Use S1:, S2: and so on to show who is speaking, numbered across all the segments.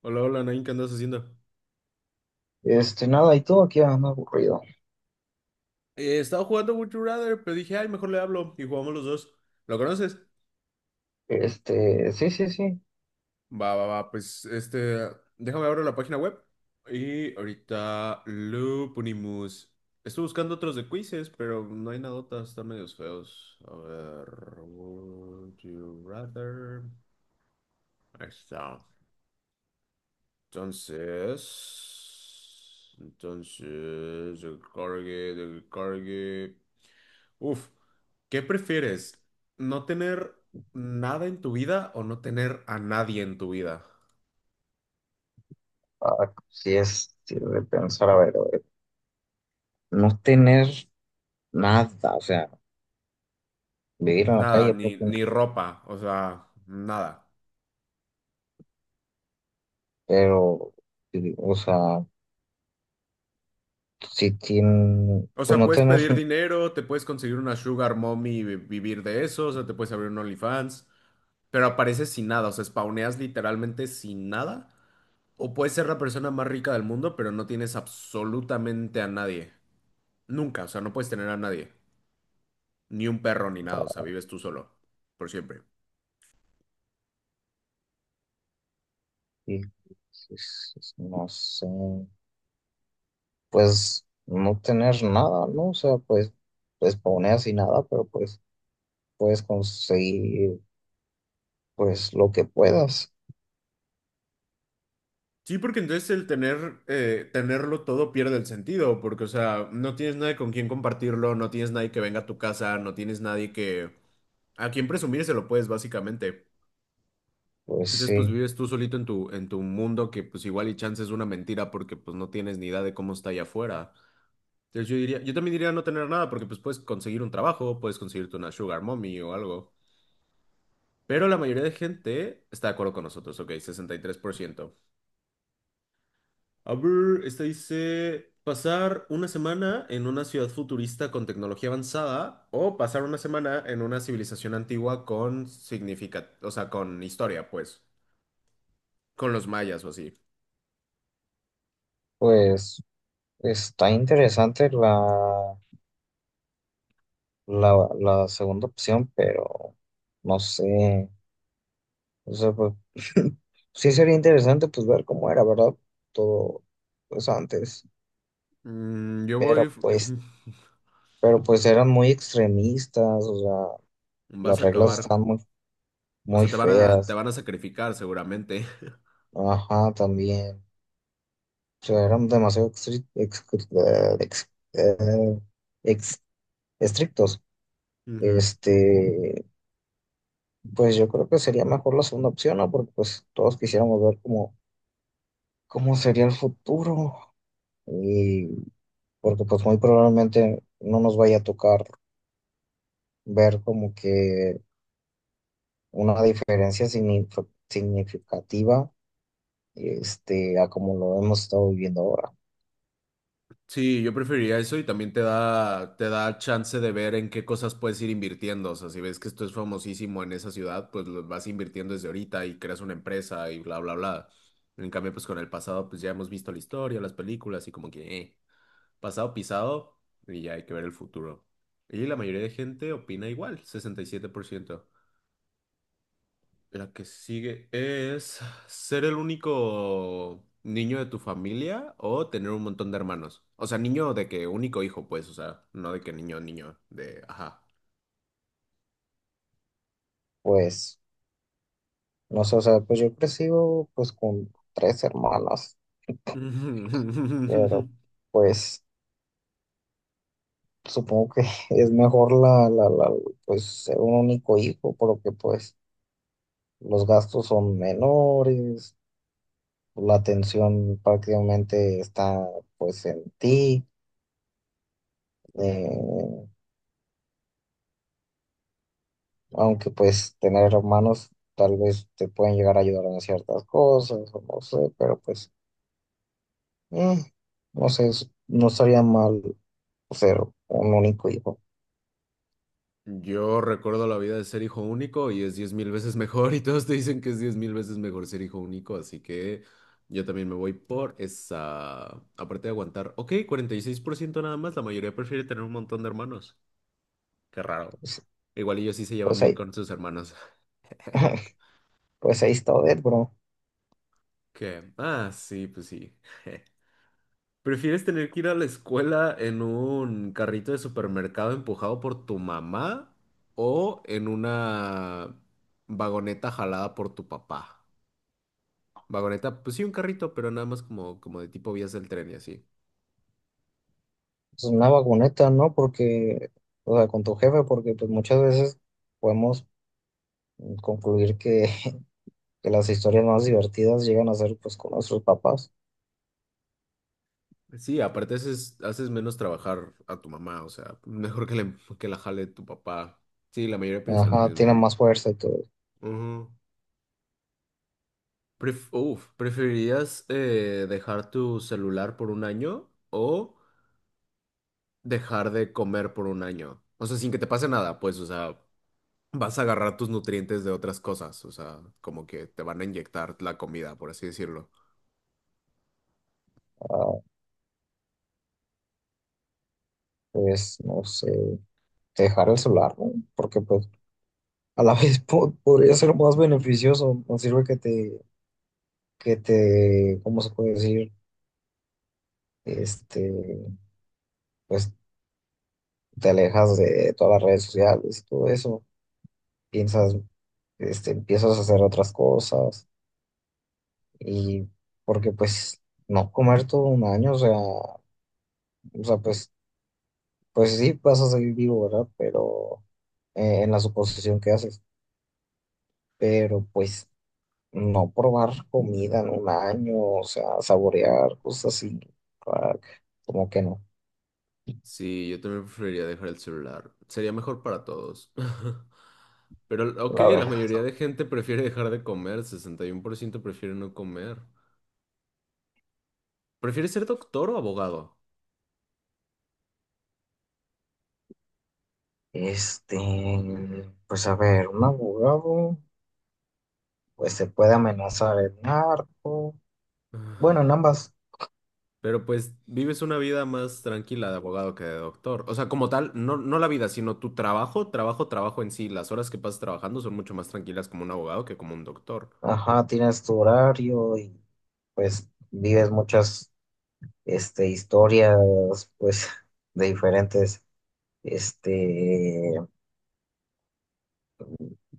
S1: Hola, hola, Nain, ¿qué andas haciendo?
S2: Nada, y todo aquí anda aburrido.
S1: Estaba jugando Would You Rather, pero dije, ay, mejor le hablo y jugamos los dos. ¿Lo conoces?
S2: Sí, sí, sí.
S1: Va, va, va, pues este, déjame abrir la página web y ahorita lo ponemos. Estoy buscando otros de quizzes, pero no hay nada, están medios feos. A ver, Would You Rather. Ahí está. Entonces, el cargue. Uf, ¿qué prefieres? ¿No tener nada en tu vida o no tener a nadie en tu vida?
S2: Ah, sí es sí, de pensar, a ver, no tener nada, o sea, vivir en la
S1: Nada,
S2: calle
S1: ni
S2: propiamente,
S1: ropa, o sea, nada.
S2: pero, sí, o sea, si tiene,
S1: O
S2: pues
S1: sea,
S2: no
S1: puedes
S2: tener,
S1: pedir dinero, te puedes conseguir una sugar mommy y vivir de eso, o sea, te puedes abrir un OnlyFans, pero apareces sin nada, o sea, spawneas literalmente sin nada. O puedes ser la persona más rica del mundo, pero no tienes absolutamente a nadie. Nunca, o sea, no puedes tener a nadie. Ni un perro, ni nada, o sea, vives tú solo. Por siempre.
S2: y- sí, sí, sí, no sé, pues no tener nada, ¿no? O sea, pues, pues poner así nada, pero pues puedes conseguir, pues lo que puedas,
S1: Sí, porque entonces el tener, tenerlo todo pierde el sentido, porque, o sea, no tienes nadie con quien compartirlo, no tienes nadie que venga a tu casa, no tienes nadie que... a quien presumir se lo puedes, básicamente.
S2: pues
S1: Entonces, pues
S2: sí,
S1: vives tú solito en tu mundo que, pues igual y chance es una mentira porque, pues no tienes ni idea de cómo está allá afuera. Entonces yo diría, yo también diría no tener nada porque pues puedes conseguir un trabajo, puedes conseguirte una sugar mommy o algo. Pero la mayoría de gente está de acuerdo con nosotros, ok, 63%. A ver, esta dice, pasar una semana en una ciudad futurista con tecnología avanzada o pasar una semana en una civilización antigua con significa, o sea, con historia, pues, con los mayas o así.
S2: pues. Está interesante la segunda opción, pero no sé. O sea, pues, sí sería interesante pues ver cómo era, ¿verdad? Todo pues antes.
S1: Mm, yo
S2: Pero
S1: voy,
S2: pues, pero pues eran muy extremistas, o sea,
S1: vas
S2: las
S1: a
S2: reglas
S1: acabar,
S2: estaban muy,
S1: o
S2: muy
S1: sea, te van a, te
S2: feas.
S1: van a sacrificar seguramente.
S2: Ajá, también. O sea, eran demasiado eh, ex- eh, ex- estrictos.
S1: Ujú.
S2: Este, Pues yo creo que sería mejor la segunda opción, ¿no? Porque pues todos quisiéramos ver cómo, cómo sería el futuro y porque pues muy probablemente no nos vaya a tocar ver como que una diferencia significativa a como lo hemos estado viviendo ahora.
S1: Sí, yo preferiría eso y también te da chance de ver en qué cosas puedes ir invirtiendo. O sea, si ves que esto es famosísimo en esa ciudad, pues lo vas invirtiendo desde ahorita y creas una empresa y bla, bla, bla. En cambio, pues con el pasado, pues ya hemos visto la historia, las películas y como que, pasado pisado y ya hay que ver el futuro. Y la mayoría de gente opina igual, 67%. La que sigue es ser el único niño de tu familia o tener un montón de hermanos. O sea, niño de que único hijo, pues, o sea, no de que niño, niño, de, ajá.
S2: Pues no sé, o sea, pues yo he crecido pues con tres hermanas, pero pues supongo que es mejor pues ser un único hijo, porque pues los gastos son menores, la atención prácticamente está pues en ti, eh, aunque pues tener hermanos tal vez te pueden llegar a ayudar en ciertas cosas, o no sé, pero pues mm, no sé, no estaría mal ser un único hijo,
S1: Yo recuerdo la vida de ser hijo único y es 10,000 veces mejor y todos te dicen que es 10,000 veces mejor ser hijo único, así que yo también me voy por esa, aparte de aguantar, ok, 46% nada más, la mayoría prefiere tener un montón de hermanos. Qué raro.
S2: pues,
S1: Igual ellos sí se llevan
S2: pues
S1: bien
S2: ahí,
S1: con sus hermanos.
S2: pues ahí está Odette, bro.
S1: ¿Qué? Ah, sí, pues sí. ¿Prefieres tener que ir a la escuela en un carrito de supermercado empujado por tu mamá o en una vagoneta jalada por tu papá? Vagoneta, pues sí, un carrito, pero nada más como, como de tipo vías del tren y así.
S2: Es una vagoneta, ¿no? Porque, o sea, con tu jefe, porque pues muchas veces podemos concluir que las historias más divertidas llegan a ser pues con nuestros papás.
S1: Sí, aparte haces menos trabajar a tu mamá, o sea, mejor que, le- que la jale tu papá. Sí, la mayoría piensa lo
S2: Ajá, tienen
S1: mismo.
S2: más fuerza y todo.
S1: Ujú. Uf, ¿preferirías dejar tu celular por un año o dejar de comer por un año? O sea, sin que te pase nada, pues, o sea, vas a agarrar tus nutrientes de otras cosas. O sea, como que te van a inyectar la comida, por así decirlo.
S2: Ah, pues no sé, dejar el celular, ¿no? Porque pues a la vez po- podría ser más beneficioso. No sirve que te, ¿cómo se puede decir? Este, pues te alejas de todas las redes sociales y todo eso. Piensas, empiezas a hacer otras cosas y porque pues no comer todo un año, o sea, pues pues sí, vas a salir vivo, ¿verdad? Pero en la suposición que haces. Pero pues no probar comida en un año, o sea, saborear cosas así, ah, como que no,
S1: Sí, yo también preferiría dejar el celular. Sería mejor para todos. Pero, ok,
S2: la
S1: la
S2: verdad.
S1: mayoría de gente prefiere dejar de comer. 61% prefiere no comer. ¿Prefiere ser doctor o abogado?
S2: Este, pues a ver, un abogado, pues se puede amenazar el narco. Bueno, en ambas,
S1: Pero pues vives una vida más tranquila de abogado que de doctor. O sea, como tal, no, no la vida, sino tu trabajo, trabajo, trabajo en sí. Las horas que pasas trabajando son mucho más tranquilas como un abogado que como un doctor.
S2: ajá, tienes tu horario y pues vives muchas, historias, pues, de diferentes, este,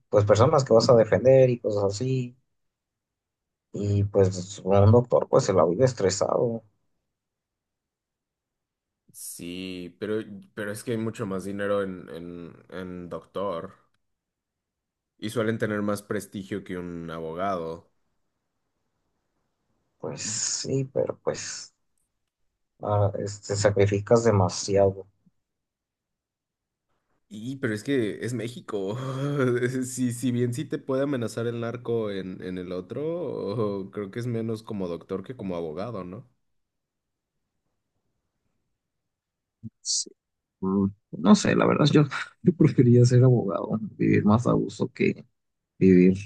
S2: pues personas que vas a defender y cosas así. Y pues un doctor pues se la vive estresado.
S1: Sí, pero es que hay mucho más dinero en, en doctor y suelen tener más prestigio que un abogado.
S2: Pues sí, pero pues ah, te sacrificas demasiado.
S1: Pero es que es México. Si bien sí te puede amenazar el narco en, el otro, creo que es menos como doctor que como abogado, ¿no?
S2: Sí, mm, no sé, la verdad, yo preferiría ser abogado, vivir más a gusto que vivir,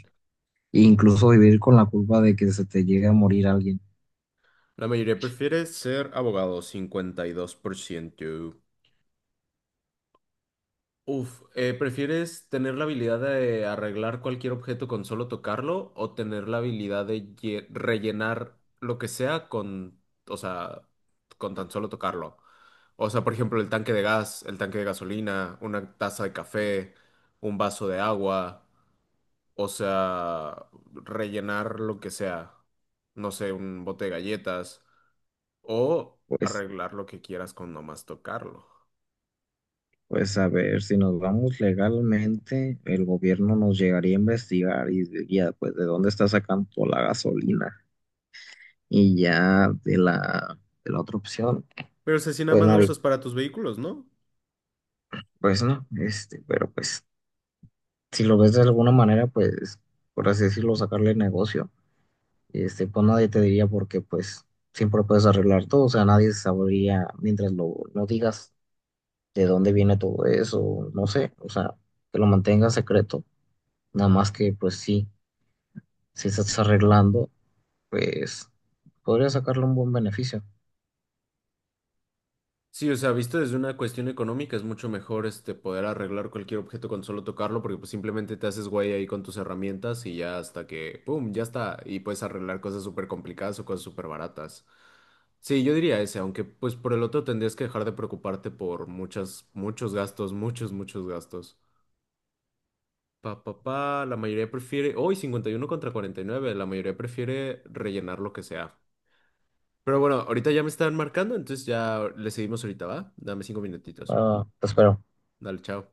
S2: e incluso vivir con la culpa de que se te llegue a morir alguien.
S1: La mayoría prefiere ser abogado, 52%. Uf, ¿prefieres tener la habilidad de arreglar cualquier objeto con solo tocarlo o tener la habilidad de rellenar lo que sea con, o sea, con tan solo tocarlo? O sea, por ejemplo, el tanque de gas, el tanque de gasolina, una taza de café, un vaso de agua, o sea, rellenar lo que sea, no sé, un bote de galletas. O
S2: Pues,
S1: arreglar lo que quieras con nomás tocarlo.
S2: pues a ver, si nos vamos legalmente, el gobierno nos llegaría a investigar y diría, pues, ¿de dónde está sacando la gasolina? Y ya de la otra opción,
S1: Pero o sea, si nada
S2: pues
S1: más lo
S2: nadie,
S1: usas para tus vehículos, ¿no?
S2: pues no, pero pues si lo ves de alguna manera, pues por así decirlo, sacarle negocio, pues nadie te diría porque pues siempre puedes arreglar todo, o sea, nadie sabría mientras lo no digas de dónde viene todo eso, no sé, o sea, que lo mantengas secreto, nada más que pues sí, si estás arreglando, pues podría sacarle un buen beneficio.
S1: Sí, o sea, visto desde una cuestión económica, es mucho mejor este poder arreglar cualquier objeto con solo tocarlo, porque pues simplemente te haces güey ahí con tus herramientas y ya hasta que, ¡pum!, ya está. Y puedes arreglar cosas súper complicadas o cosas súper baratas. Sí, yo diría ese, aunque pues por el otro tendrías que dejar de preocuparte por muchas, muchos gastos, muchos, muchos gastos. Pa, pa, pa, la mayoría prefiere, hoy 51 contra 49 la mayoría prefiere rellenar lo que sea. Pero bueno, ahorita ya me están marcando, entonces ya le seguimos ahorita, ¿va? Dame 5 minutitos.
S2: Ah, te espero.
S1: Dale, chao.